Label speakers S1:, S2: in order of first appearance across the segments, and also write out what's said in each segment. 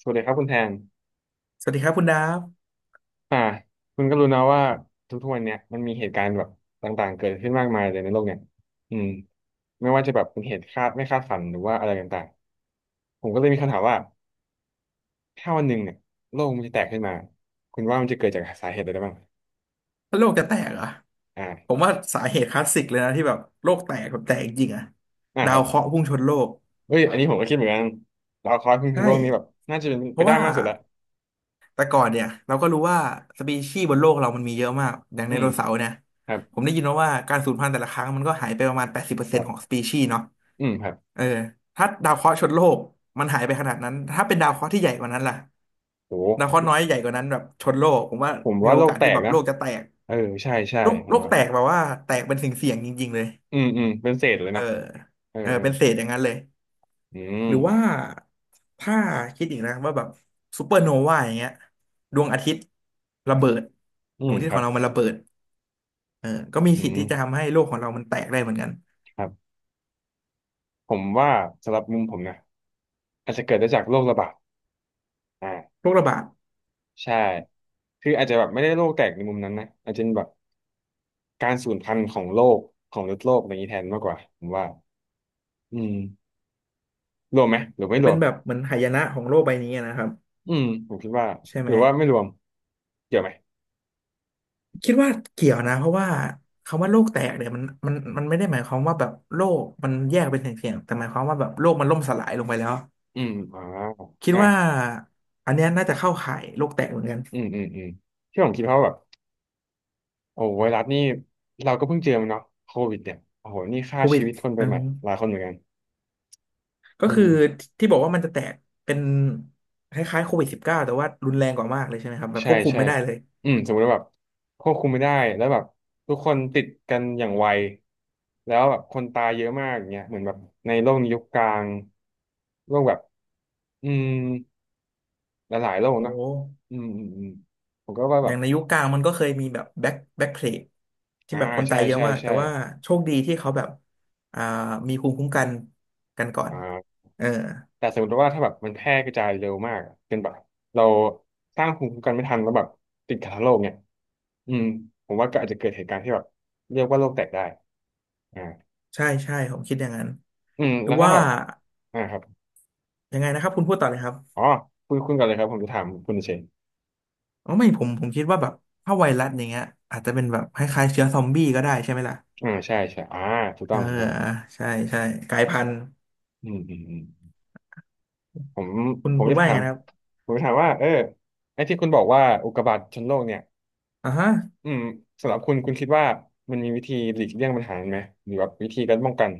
S1: สวัสดีครับคุณแทน
S2: สวัสดีครับคุณดาฟ
S1: อ่าคุณก็รู้นะว่าทุกๆวันเนี่ยมันมีเหตุการณ์แบบต่างๆเกิดขึ้นมากมายเลยในโลกเนี่ยอืมไม่ว่าจะแบบเป็นเหตุคาดไม่คาดฝันหรือว่าอะไรต่างๆผมก็เลยมีคำถามว่าถ้าวันหนึ่งเนี่ยโลกมันจะแตกขึ้นมาคุณว่ามันจะเกิดจากสาเหตุอะไรได้บ้าง
S2: แล้วโลกจะแตกเหรอผม
S1: อ่า
S2: ว่าสาเหตุคลาสสิกเลยนะที่แบบโลกแตกแบบแตกจริงอะ
S1: อ่า
S2: ดา
S1: ค
S2: ว
S1: รับ
S2: เคราะห์พุ่งชนโลก
S1: เฮ้ยอันนี้ผมก็คิดเหมือนกันดาวเคราะห์คือ
S2: ใช่
S1: โลกนี้แบบน่าจะเป็น
S2: เพ
S1: ไป
S2: ราะ
S1: ได้
S2: ว่า
S1: มากสุดละ
S2: แต่ก่อนเนี่ยเราก็รู้ว่าสปีชีส์บนโลกเรามันมีเยอะมากอย่างได
S1: อืม
S2: โนเสาร์เนี่ย
S1: ครับ
S2: ผมได้ยินมาว่าการสูญพันธุ์แต่ละครั้งมันก็หายไปประมาณแปดสิบเปอร์
S1: ค
S2: เซ็น
S1: รั
S2: ต์ของ
S1: บ
S2: สปีชีส์เนาะ
S1: อืมครับ
S2: เออถ้าดาวเคราะห์ชนโลกมันหายไปขนาดนั้นถ้าเป็นดาวเคราะห์ที่ใหญ่กว่านั้นล่ะ
S1: โ
S2: ดาวเคราะห์
S1: ห
S2: น้อยใหญ่กว่านั้นแบบชนโลกผมว่า
S1: ผม
S2: มี
S1: ว่า
S2: โอ
S1: โลก
S2: กาส
S1: แต
S2: ที่
S1: ก
S2: แบบ
S1: นะ
S2: โลกจะแตก
S1: เออใช่ใช่
S2: โลก
S1: ผ
S2: โล
S1: ม
S2: ก
S1: ว่า
S2: แตกแบบว่าแตกเป็นสิ่งเสี่ยงๆจริงๆเลย
S1: อืมอืมเป็นเศษเลย
S2: เออ
S1: เนาะเออ
S2: เออ
S1: เออ
S2: เป็นเศษอย่างนั้นเลย
S1: อืม
S2: หรือว่าถ้าคิดอีกนะว่าแบบซูเปอร์โนวาอย่างเงี้ยดวงอาทิตย์ระเบิด
S1: อื
S2: ดวง
S1: ม
S2: อาทิ
S1: ค
S2: ตย์ข
S1: รั
S2: อ
S1: บ
S2: งเรามันระเบิดเออก็มี
S1: อื
S2: สิท
S1: ม
S2: ธิ์ที่จะทำให้โลกของเรามันแตกได้เหมือนกัน
S1: ครับผมว่าสำหรับมุมผมนะอาจจะเกิดได้จากโรคระบาดอ่า
S2: โรคระบาด
S1: ใช่คืออาจจะแบบไม่ได้โรคแตกในมุมนั้นนะอาจจะเป็นแบบการสูญพันธุ์ของโลกของฤดโลกอะไรอย่างนี้แทนมากกว่าผมว่าอืมรวมไหมหรือไม่ร
S2: เป็
S1: ว
S2: น
S1: ม
S2: แบบเหมือนหายนะของโลกใบนี้นะครับ
S1: อืมผมคิดว่า
S2: ใช่
S1: ห
S2: ไหม
S1: รือว่าไม่รวมเกี่ยวไหม
S2: คิดว่าเกี่ยวนะเพราะว่าคำว่าโลกแตกเนี่ยมันไม่ได้หมายความว่าแบบโลกมันแยกเป็นเสี่ยงๆแต่หมายความว่าแบบโลกมันล่มสลายลงไปแล้ว
S1: อืม
S2: คิด
S1: อ่ะ
S2: ว่าอันเนี้ยน่าจะเข้าข่ายโลกแตกเหมือนกัน
S1: อืมอืมอืมที่ผมคิดเพราะว่าแบบโอ้ไวรัสนี่เราก็เพิ่งเจอมันเนาะโควิดเนี่ยโอ้โหนี่ฆ่า
S2: โควิ
S1: ชี
S2: ด
S1: วิตคนไป
S2: อื
S1: ใหม่
S2: ม
S1: หลายคนเหมือนกัน
S2: ก็
S1: อื
S2: คื
S1: ม
S2: อที่บอกว่ามันจะแตกเป็นคล้ายๆCOVID-19แต่ว่ารุนแรงกว่ามากเลยใช่ไหมครับแบบ
S1: ใช่
S2: ควบคุม
S1: ใช่
S2: ไม่ได้เลย
S1: อืมสมมติว่าแบบควบคุมไม่ได้แล้วแบบทุกคนติดกันอย่างไวแล้วแบบคนตายเยอะมากอย่างเงี้ยเหมือนแบบในโลกยุคกลางโลกแบบอืมหลายๆโลก
S2: โอ้
S1: เนาะอืมอืมอืมผมก็ว่า
S2: อ
S1: แบ
S2: ย่า
S1: บ
S2: งในยุคกลางมันก็เคยมีแบบแบ็คเพลกที่
S1: อ่า
S2: แบบคนตา
S1: ใช่
S2: ยเยอะ
S1: ใช่
S2: มากแต่
S1: ใช่
S2: ว่าโชคดีที่เขาแบบอ่ามีภูมิคุ้มกันกันก่อน
S1: อ่า
S2: เออ
S1: แต่สมมติว่าถ้าแบบมันแพร่กระจายเร็วมากอะเป็นแบบเราสร้างภูมิคุ้มกันไม่ทันแล้วแบบติดกันทั้งโลกเนี่ยอืมผมว่าก็อาจจะเกิดเหตุการณ์ที่แบบเรียกว่าโลกแตกได้อ่า
S2: ใช่ใช่ผมคิดอย่างนั้น
S1: อืม
S2: หรื
S1: แล้
S2: อ
S1: วถ้า
S2: ว่า
S1: แบบอ่าครับ
S2: ยังไงนะครับคุณพูดต่อเลยครั
S1: อ๋
S2: บ
S1: อคุณคุณก่อนเลยครับผมจะถามคุณเฉย
S2: อ๋อไม่ผมคิดว่าแบบถ้าไวรัสอย่างเงี้ยอาจจะเป็นแบบคล้ายๆเชื้อซอมบี้ก็ได้ใช่ไหมล่ะ
S1: อ่าใช่ใช่ถูก
S2: เอ
S1: ต้อ
S2: อ
S1: งถูกต้อง
S2: ใช่ใช่กลายพันธุ์
S1: อืมอืมอืมผม
S2: คุณ
S1: ผม
S2: คุณ
S1: จะ
S2: ว่ายั
S1: ถา
S2: งไง
S1: ม
S2: นะครับ
S1: ผมจะถามว่าเออไอ้ที่คุณบอกว่าอุกกาบาตชนโลกเนี่ย
S2: อ่าฮะ
S1: อืมสำหรับคุณคุณคิดว่ามันมีวิธีหลีกเลี่ยงปัญหาไหมหรือว่าวิธีการป้องกัน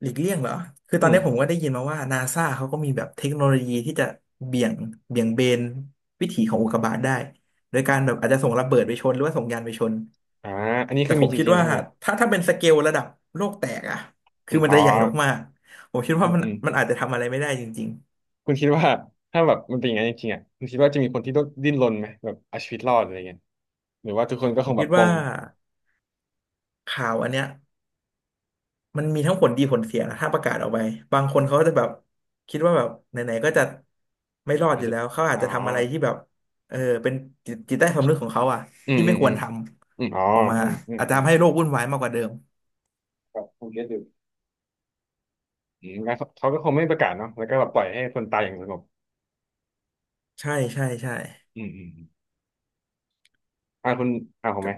S2: หลีกเลี่ยงเหรอ คือ
S1: อื
S2: ตอน
S1: ม
S2: นี้ผมก็ได้ยินมาว่านาซาเขาก็มีแบบเทคโนโลยีที่จะเบี่ยงเบี่ยงเบนวิถีของอุกกาบาตได้โดยการแบบอาจจะส่งระเบิดไปชนหรือว่าส่งยานไปชน
S1: อ่าอันนี้
S2: แต่
S1: คือ
S2: ผ
S1: มี
S2: ม
S1: จ
S2: คิด
S1: ริงๆ
S2: ว่า
S1: ใช่ไหม
S2: ถ้าเป็นสเกลระดับโลกแตกอะ
S1: อื
S2: คือ
S1: ม
S2: มัน
S1: อ๋อ
S2: จะใหญ่มากๆผมคิด
S1: อื
S2: ว่า
S1: ม
S2: มัน
S1: อืม
S2: มันอาจจะทำอะไรไม่ได้จริง
S1: คุณคิดว่าถ้าแบบมันเป็นอย่างนั้นจริงๆอ่ะคุณคิดว่าจะมีคนที่ต้องดิ้นรนไหมแบบเอาชีวิตรอดอะไรเงี้ยหรือว่าทุกคนก็
S2: ๆ ผ
S1: ค
S2: ม
S1: งแบ
S2: คิ
S1: บ
S2: ด
S1: ปล
S2: ว่า
S1: ง
S2: ข่าวอันเนี้ย มันมีทั้งผลดีผลเสียนะถ้าประกาศออกไปบางคนเขาก็จะแบบคิดว่าแบบไหนๆก็จะไม่รอด
S1: อาจ
S2: อยู่
S1: จะ
S2: แล้วเขาอาจ
S1: อ๋อ
S2: จะทำอะไรที่แบบเออเป็นจิตจิตใต้สำนึกของเขาอะ
S1: อืม
S2: ที่
S1: อื
S2: ไม่
S1: ม
S2: ค
S1: อื
S2: วร
S1: ม
S2: ท
S1: อืมอ๋อ
S2: ำออกมา
S1: อืมอืม
S2: อาจจะ
S1: ผม
S2: ทำให้โลกวุ่นวายมากกว่าเดิม
S1: ผมผมเก็ตอยู่อืมงั้นเขาเขาก็คงไม่ประกาศเนาะแล้วก็แบบปล่อยให้คนตายอย่างสงบ
S2: ใช่ใช่ใช่
S1: อืมอืมอมอ่าคุณอ่าผม
S2: กั
S1: ไหม
S2: บ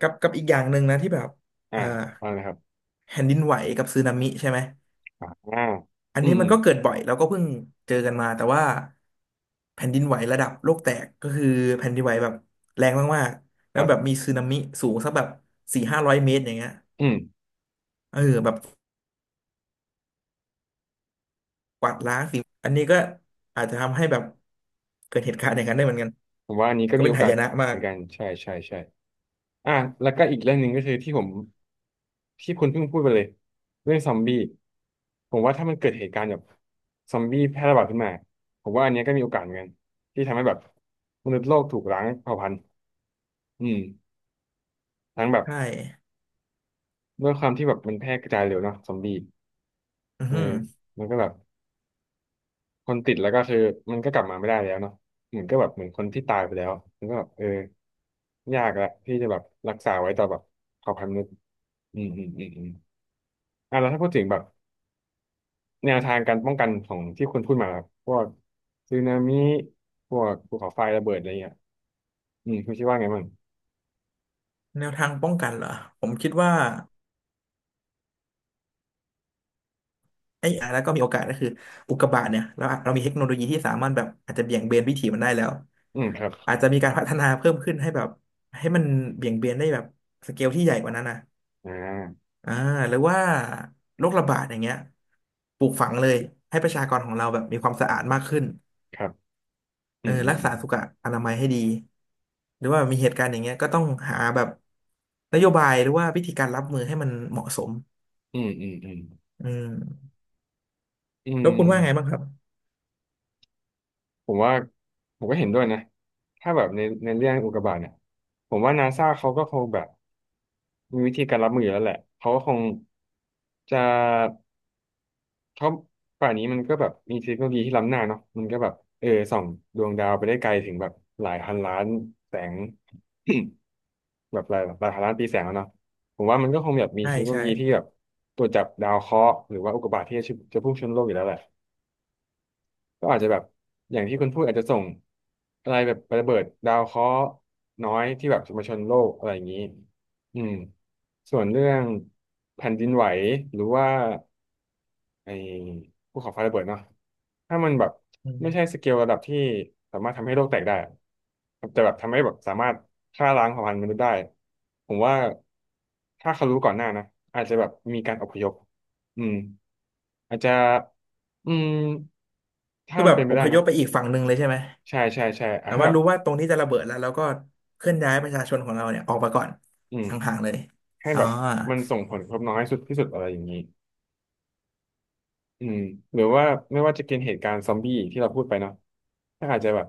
S2: อีกอย่างหนึ่งนะที่แบบ
S1: อ่า
S2: อ่า
S1: ว่าเลยครับ
S2: แผ่นดินไหวกับสึนามิใช่ไหม
S1: อ่าอ่า
S2: อัน
S1: อืม
S2: นี้
S1: อื
S2: มัน
S1: ม
S2: ก็เกิดบ่อยแล้วก็เพิ่งเจอกันมาแต่ว่าแผ่นดินไหวระดับโลกแตกก็คือแผ่นดินไหวแบบแรงมากๆแล้
S1: ค
S2: ว
S1: รั
S2: แบบ
S1: บ
S2: มีสึนามิสูงสักแบบสี่ห้าร้อยเมตรอย่างเงี้ย
S1: อืม
S2: เออแบบกวาดล้างสิงอันนี้ก็อาจจะทำให้แบบเกิดเหตุการณ์อย่างนั้นได้เหมือนกัน
S1: ผมว่าอันนี้ก็
S2: ก็
S1: มี
S2: เป็น
S1: โอ
S2: หา
S1: กา
S2: ย
S1: ส
S2: นะมา
S1: เหมื
S2: ก
S1: อนกันใช่ใช่ใช่อ่าแล้วก็อีกเรื่องหนึ่งก็คือที่ผมที่คุณเพิ่งพูดไปเลยเรื่องซอมบี้ผมว่าถ้ามันเกิดเหตุการณ์แบบซอมบี้แพร่ระบาดขึ้นมาผมว่าอันเนี้ยก็มีโอกาสเหมือนกันที่ทำให้แบบมนุษย์โลกถูกล้างเผ่าพันธุ์อืมทั้งแบบ
S2: ใช่
S1: ด้วยความที่แบบมันแพร่กระจายเร็วเนาะซอมบี้
S2: อือ
S1: เออ
S2: หือ
S1: มันก็แบบคนติดแล้วก็คือมันก็กลับมาไม่ได้แล้วเนาะเหมือนก็แบบเหมือนคนที่ตายไปแล้วมันก็แบบเออยากละที่จะแบบรักษาไว้ต่อแบบเผ่าพันธุ์มนุษย์อืมอืมอืมอืมอ่ะแล้วถ้าพูดถึงแบบแนวทางการป้องกันของที่คุณพูดมาครับพวกสึนามิพวกภูเขาไฟระเบิดอะไรเงี้ยอืมคุณคิดว่าไงบ้าง
S2: แนวทางป้องกันเหรอผมคิดว่า ไอ้อ่ะแล้วก็มีโอกาสก็คืออุกกาบาตเนี่ยเรามีเทคโนโลยีที่สามารถแบบอาจจะเบี่ยงเบนวิถีมันได้แล้ว
S1: อืมครับ
S2: อาจจะมีการพัฒนาเพิ่มขึ้นให้แบบให้มันเบี่ยงเบนได้แบบสเกลที่ใหญ่กว่านั้นนะ
S1: อ่า
S2: อ่าหรือว่าโรคระบาดอย่างเงี้ยปลูกฝังเลยให้ประชากรของเราแบบมีความสะอาดมากขึ้น
S1: ครับ
S2: เอ
S1: อื
S2: อ
S1: มอื
S2: รัก
S1: ม
S2: ษาสุขอนามัยให้ดีหรือว่ามีเหตุการณ์อย่างเงี้ยก็ต้องหาแบบนโยบายหรือว่าวิธีการรับมือให้มันเหมาะสม
S1: อืมอืมอืม
S2: อืม
S1: อืม
S2: แล้ว
S1: อืม
S2: คุณว่าไงบ้างครับ
S1: ผมว่าผมก็เห็นด้วยนะถ้าแบบในในเรื่องอุกกาบาตเนี่ยผมว่านาซาเขาก็คงแบบมีวิธีการรับมืออยู่แล้วแหละเขาก็คงจะเขาป่านนี้มันก็แบบมีเทคโนโลยีที่ล้ำหน้าเนาะมันก็แบบเออส่องดวงดาวไปได้ไกลถึงแบบหลายพันล้านแสง แบบหลายพันล้านปีแสงแล้วเนาะผมว่ามันก็คงแบบมี
S2: ใช่
S1: เทคโนโล
S2: ใช่
S1: ยีที่แบบตรวจจับดาวเคราะห์หรือว่าอุกกาบาตที่จะจะพุ่งชนโลกอยู่แล้วแหละ ก็อาจจะแบบอย่างที่คุณพูดอาจจะส่งอะไรแบบระเบิดดาวเคราะห์น้อยที่แบบจะมาชนโลกอะไรอย่างนี้อืมส่วนเรื่องแผ่นดินไหวหรือว่าไอ้ภูเขาไฟระเบิดเนาะถ้ามันแบบ
S2: อื
S1: ไม่ใช่ส
S2: ม
S1: เกลระดับที่สามารถทำให้โลกแตกได้อะแต่แบบทำให้แบบสามารถฆ่าล้างเผ่าพันธุ์มนุษย์ได้ผมว่าถ้าเขารู้ก่อนหน้านะอาจจะแบบมีการอพยพอืมอาจจะอืมถ้า
S2: คือ
S1: มั
S2: แบ
S1: น
S2: บ
S1: เป็นไป
S2: อพ
S1: ได้
S2: ย
S1: นะ
S2: พไปอีกฝั่งหนึ่งเลยใช่ไหม
S1: ใช่ใช่ใช่อ่ะ
S2: แบบ
S1: ให้
S2: ว่า
S1: แบบ
S2: รู้ว่าตรงนี้จะระเบิดแล้วเราก็เคลื่อนย้ายประชาชนของเราเนี่ยออกมาก่อน
S1: อืม
S2: ห่างๆเลย
S1: ให้
S2: อ๋อ
S1: แบบมันส่งผลกระทบน้อยสุดที่สุดอะไรอย่างนี้อืมหรือว่าไม่ว่าจะเกิดเหตุการณ์ซอมบี้ที่เราพูดไปเนาะถ้าอาจจะแบบ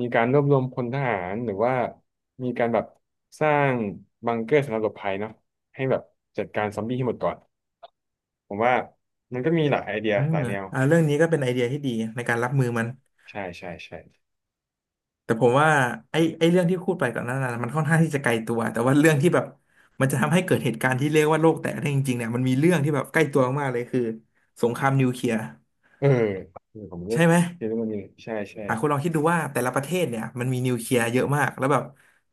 S1: มีการรวบรวมพลทหารหรือว่ามีการแบบสร้างบังเกอร์สำหรับหลบภัยเนาะให้แบบจัดการซอมบี้ให้หมดก่อนผมว่ามันก็มีหลายไอเดีย
S2: เออ
S1: หลายแนว
S2: อ่าเรื่องนี้ก็เป็นไอเดียที่ดีในการรับมือมัน
S1: ใช่ใช่ใช่
S2: แต่ผมว่าไอ้เรื่องที่พูดไปก่อนหนั้นน่ะมันค่อนข้างที่จะไกลตัวแต่ว่าเรื่องที่แบบมันจะทำให้เกิดเหตุการณ์ที่เรียกว่าโลกแตกได้จริงๆเนี่ยมันมีเรื่องที่แบบใกล้ตัวมากๆเลยคือสงครามนิวเคลียร์
S1: เออเออผมก็
S2: ใช่ไหม
S1: คิดว่ามันมีใช่ใช่
S2: อ่ะคุณลองคิดดูว่าแต่ละประเทศเนี่ยมันมีนิวเคลียร์เยอะมากแล้วแบบ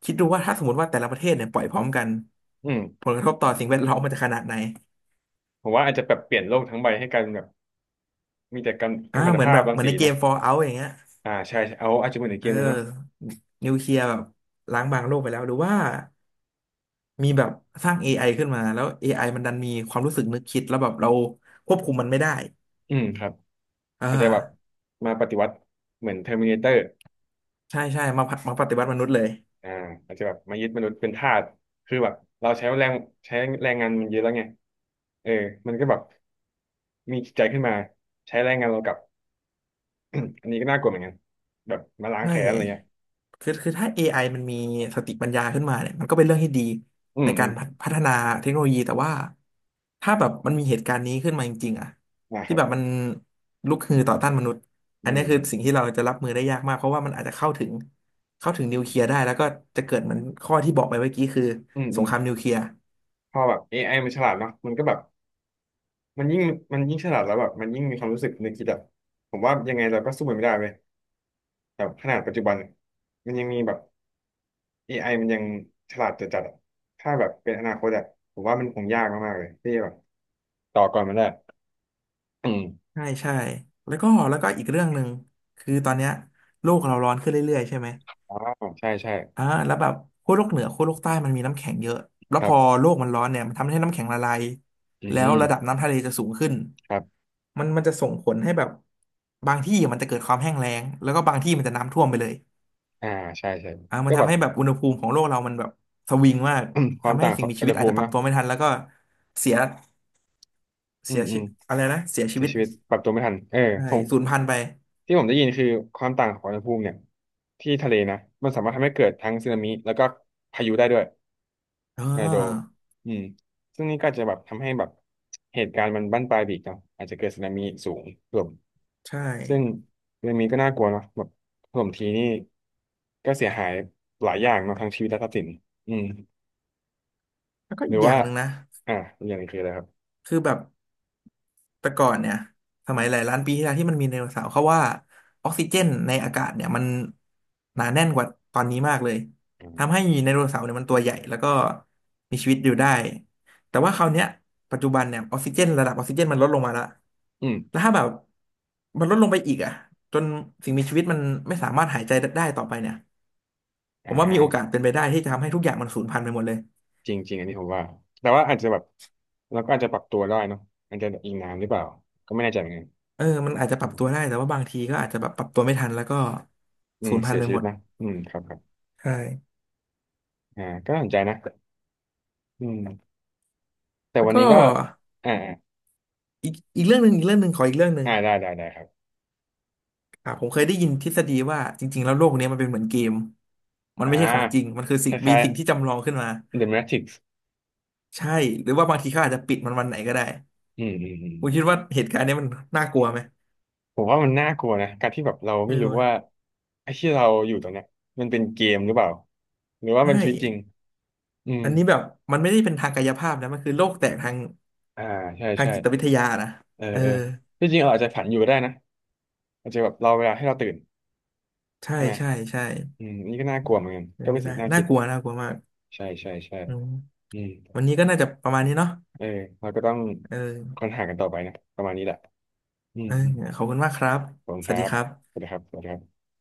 S2: คิดดูว่าถ้าสมมติว่าแต่ละประเทศเนี่ยปล่อยพร้อมกัน
S1: อืม
S2: ผลกระทบต่อสิ่งแวดล้อมมันจะขนาดไหน
S1: ผมว่าอาจจะแบบเปลี่ยนโลกทั้งใบให้กลายเป็นแบบมีแต่กัมกัมมันต
S2: เหมือน
S1: ภา
S2: แบ
S1: พ
S2: บ
S1: รั
S2: เห
S1: ง
S2: มือน
S1: สี
S2: ในเก
S1: นะ
S2: ม Fallout อย่างเงี้ย
S1: อ่าใช่ใช่เอาอาจจะเหมือนในเก
S2: เออ
S1: มเลยเนาะ
S2: นิวเคลียร์แบบล้างบางโลกไปแล้วหรือว่ามีแบบสร้าง AI ขึ้นมาแล้ว AI มันดันมีความรู้สึกนึกคิดแล้วแบบเราควบคุมมันไม่ได้
S1: อืมครับ
S2: อ่า
S1: อาจจะแบบมาปฏิวัติเหมือนเทอร์มินาเตอร์
S2: ใช่ใช่มาปฏิวัติมนุษย์เลย
S1: อ่าอาจจะแบบมายึดมนุษย์เป็นทาสคือแบบเราใช้แรงใช้แรงงานมันเยอะแล้วไงเออมันก็แบบมีจิตใจขึ้นมาใช้แรงงานเรากลับ อันนี้ก็น่ากลัวเหมือนกันแบบมาล้า
S2: ใช
S1: งแค้นอะไรเงี้ย
S2: ่คือคือถ้า AI มันมีสติปัญญาขึ้นมาเนี่ยมันก็เป็นเรื่องที่ดี
S1: อืม
S2: ใน
S1: อื
S2: กา
S1: ม
S2: รพัฒนาเทคโนโลยี แต่ว่าถ้าแบบมันมีเหตุการณ์นี้ขึ้นมาจริงๆอะ
S1: นะค
S2: ที่
S1: รั
S2: แบบ
S1: บ
S2: มันลุกฮือต่อต้านมนุษย์
S1: อื
S2: อันนี้คือ
S1: ม
S2: สิ่งที่เราจะรับมือได้ยากมาก เพราะว่ามันอาจจะเข้าถึงนิวเคลียร์ได้ แล้วก็จะเกิดเหมือนข้อที่บอกไปเมื่อกี้คือ
S1: อืม
S2: ส
S1: อื
S2: ง
S1: ม
S2: ครามนิวเคลียร์
S1: พอแบบ AI มันฉลาดเนาะมันก็แบบมันยิ่งมันยิ่งฉลาดแล้วแบบมันยิ่งมีความรู้สึกนึกคิดแบบผมว่ายังไงเราก็สู้มันไม่ได้เลยแบบขนาดปัจจุบันมันยังมีแบบ AI มันยังฉลาดจัดอะถ้าแบบเป็นอนาคตอะผมว่ามันคงยากมากๆเลยที่แบบต่อก่อนมันได้อืม
S2: ใช่ ใช่แล้วก็อีกเรื่องหนึ่งคือตอนเนี้ยโลกเราร้อนขึ้นเรื่อยๆใช่ไหม
S1: อ๋อใช่ใช่
S2: แล้วแบบขั้วโลกเหนือขั้วโลกใต้มันมีน้ำแข็งเยอะแล้
S1: ค
S2: วพ
S1: รั
S2: อ
S1: บ
S2: โลกมันร้อนเนี่ยมันทำให้น้ำแข็งละลาย
S1: อื
S2: แล้ว
S1: ม
S2: ระดับน้ำทะเลจะสูงขึ้น
S1: ครับ
S2: มันจะส่งผลให้แบบบางที่มันจะเกิดความแห้งแล้งแล้วก็บางที่มันจะน้ำท่วมไปเลย
S1: อ่า ใช่ใช่
S2: มั
S1: ก็
S2: น
S1: แบ
S2: ทำ
S1: บ
S2: ให้แบบอุณหภูมิของโลกเรามันแบบสวิงมาก
S1: ความ
S2: ทำให้
S1: ต่างข
S2: สิ่ง
S1: อง
S2: มี
S1: อุ
S2: ชี
S1: ณ
S2: วิ
S1: ห
S2: ตอา
S1: ภู
S2: จ
S1: มิ
S2: จะป
S1: เน
S2: รับ
S1: อะ
S2: ตัวไม่ทันแล้วก็เสีย
S1: อื
S2: เสี
S1: ม
S2: ย
S1: อื
S2: ชี
S1: ม
S2: อะไรนะเสียชี
S1: เสีย
S2: วิต
S1: ชีวิตปรับตัวไม่ทันเออ
S2: ใช่
S1: ผม
S2: สูญพันธุ์ไป
S1: ที่ผมได้ยินคือความต่างของอุณหภูมิเนี่ยที่ทะเลนะมันสามารถทำให้เกิดทั้งสึนามิแล้วก็พายุได้ด้วย
S2: อ่
S1: ทอร์นาโด
S2: า
S1: อืมซึ่งนี่ก็จะแบบทำให้แบบเหตุการณ์มันบั้นปลายไปอีกเนาะอาจจะเกิดสึนามิสูงถล่ม
S2: ใช่
S1: ซึ่งสึนามิก็น่ากลัวเนาะแบบถล่มทีนี่ก็เสียหายหลายอย่างเนาะทั้งชีวิตและทรัพย์สินอืม
S2: แล้วก็
S1: หรื
S2: อี
S1: อ
S2: กอย่า
S1: ว่า
S2: งหนึ่งนะ
S1: อ่าอกอย่างหนึงคืออะไรครับ
S2: คือแบบ แต่ก่อนเนี่ยสมัยหลายล้านปีที่แล้วที่มันมีไดโนเสาร์เขาว่าออกซิเจนในอากาศเนี่ยมันหนาแน่นกว่าตอนนี้มากเลยทำให้ไดโนเสาร์เนี่ยมันตัวใหญ่แล้วก็มีชีวิตอยู่ได้แต่ว่าคราวเนี้ยปัจจุบันเนี่ยออกซิเจนระดับออกซิเจนมันลดลงมาแล้ว
S1: อืม
S2: แล้วถ้าแบบมันลดลงไปอีกอะจนสิ่งมีชีวิตมันไม่สามารถหายใจได้ต่อไปเนี่ยผ
S1: อ่
S2: มว่ามีโอกาส
S1: า
S2: เป็นไปได้ที่จะทำให้ทุกอย่างมันสูญพันธุ์ไปหมดเลย
S1: จริงจริงอันนี้ผมว่า แต่ว่าอาจจะแบบเราก็อาจจะปรับตัวได้เนอะอาจจะอิงน้ำหรือเปล่าก็ไม่แน่ใจเหมือนกัน
S2: เออมันอาจจะป
S1: อื
S2: รับ
S1: ม
S2: ตัวได้แต่ว่าบางทีก็อาจจะแบบปรับตัวไม่ทันแล้วก็
S1: อื
S2: สู
S1: ม
S2: ญพัน
S1: เสีย
S2: ธุ์ไป
S1: ชี
S2: ห
S1: วิ
S2: ม
S1: ต
S2: ด
S1: นะอืมครับครับ
S2: ใช่
S1: อ่าก็น่าสนใจนะอืมแต่
S2: แล้ว
S1: วัน
S2: ก็
S1: นี้ก็อ่า
S2: อีกเรื่องหนึ่งอีกเรื่องหนึ่งขออีกเรื่องหนึ่ง
S1: อ่าได้ได้ได้ครับ
S2: ผมเคยได้ยินทฤษฎีว่าจริงๆแล้วโลกเนี้ยมันเป็นเหมือนเกมมัน
S1: อ่า
S2: ไม่ใช่ของจริงมันคือ
S1: คล้าย
S2: สิ่งที่จำลองขึ้นมา
S1: ๆ The Matrix
S2: ใช่หรือว่าบางทีเขาอาจจะปิดมันวันไหนก็ได้
S1: อืมอืมอืม
S2: คุณคิดว่าเหตุการณ์เนี้ยมันน่ากลัวไหม
S1: ผมว่ามันน่ากลัวนะการที่แบบเรา
S2: เอ
S1: ไม่รู้ว่า
S2: อ
S1: ไอ้ที่เราอยู่ตรงเนี้ยมันเป็นเกมหรือเปล่าหรือว่า
S2: ใช่
S1: มันชีวิตจริงอืม
S2: อันนี้แบบมันไม่ได้เป็นทางกายภาพนะมันคือโลกแตกทาง
S1: อ่าใช่
S2: ทาง
S1: ใช่
S2: จิตวิทยานะ
S1: เออ
S2: เออ
S1: เออที่จริงเราอาจจะฝันอยู่ก็ได้นะอาจจะแบบเราเวลาให้เราตื่น
S2: ใช่
S1: ใช่ไหม
S2: ใช่ใช่
S1: อืมอันนี่ก็น่ากลัวเหมือนกัน
S2: เป็
S1: ก็
S2: น
S1: เป็
S2: ไม่
S1: นสิ่
S2: ได้
S1: งที่น่า
S2: น่า
S1: คิด
S2: กลัวน่ากลัวมาก
S1: ใช่ใช่ใช่
S2: อืม
S1: อื
S2: วั
S1: ม
S2: นนี้ก็น่าจะประมาณนี้เนาะ
S1: เออเราก็ต้อง
S2: เอ
S1: ค้
S2: อ
S1: นหากันต่อไปนะประมาณนี้แหละอืม
S2: เออ
S1: อืม
S2: ขอบคุณมากครับ
S1: ขอบคุณ
S2: ส
S1: ค
S2: วัส
S1: รั
S2: ดี
S1: บ
S2: ครั
S1: ส
S2: บ
S1: วัสดีครับสวัสดีครับ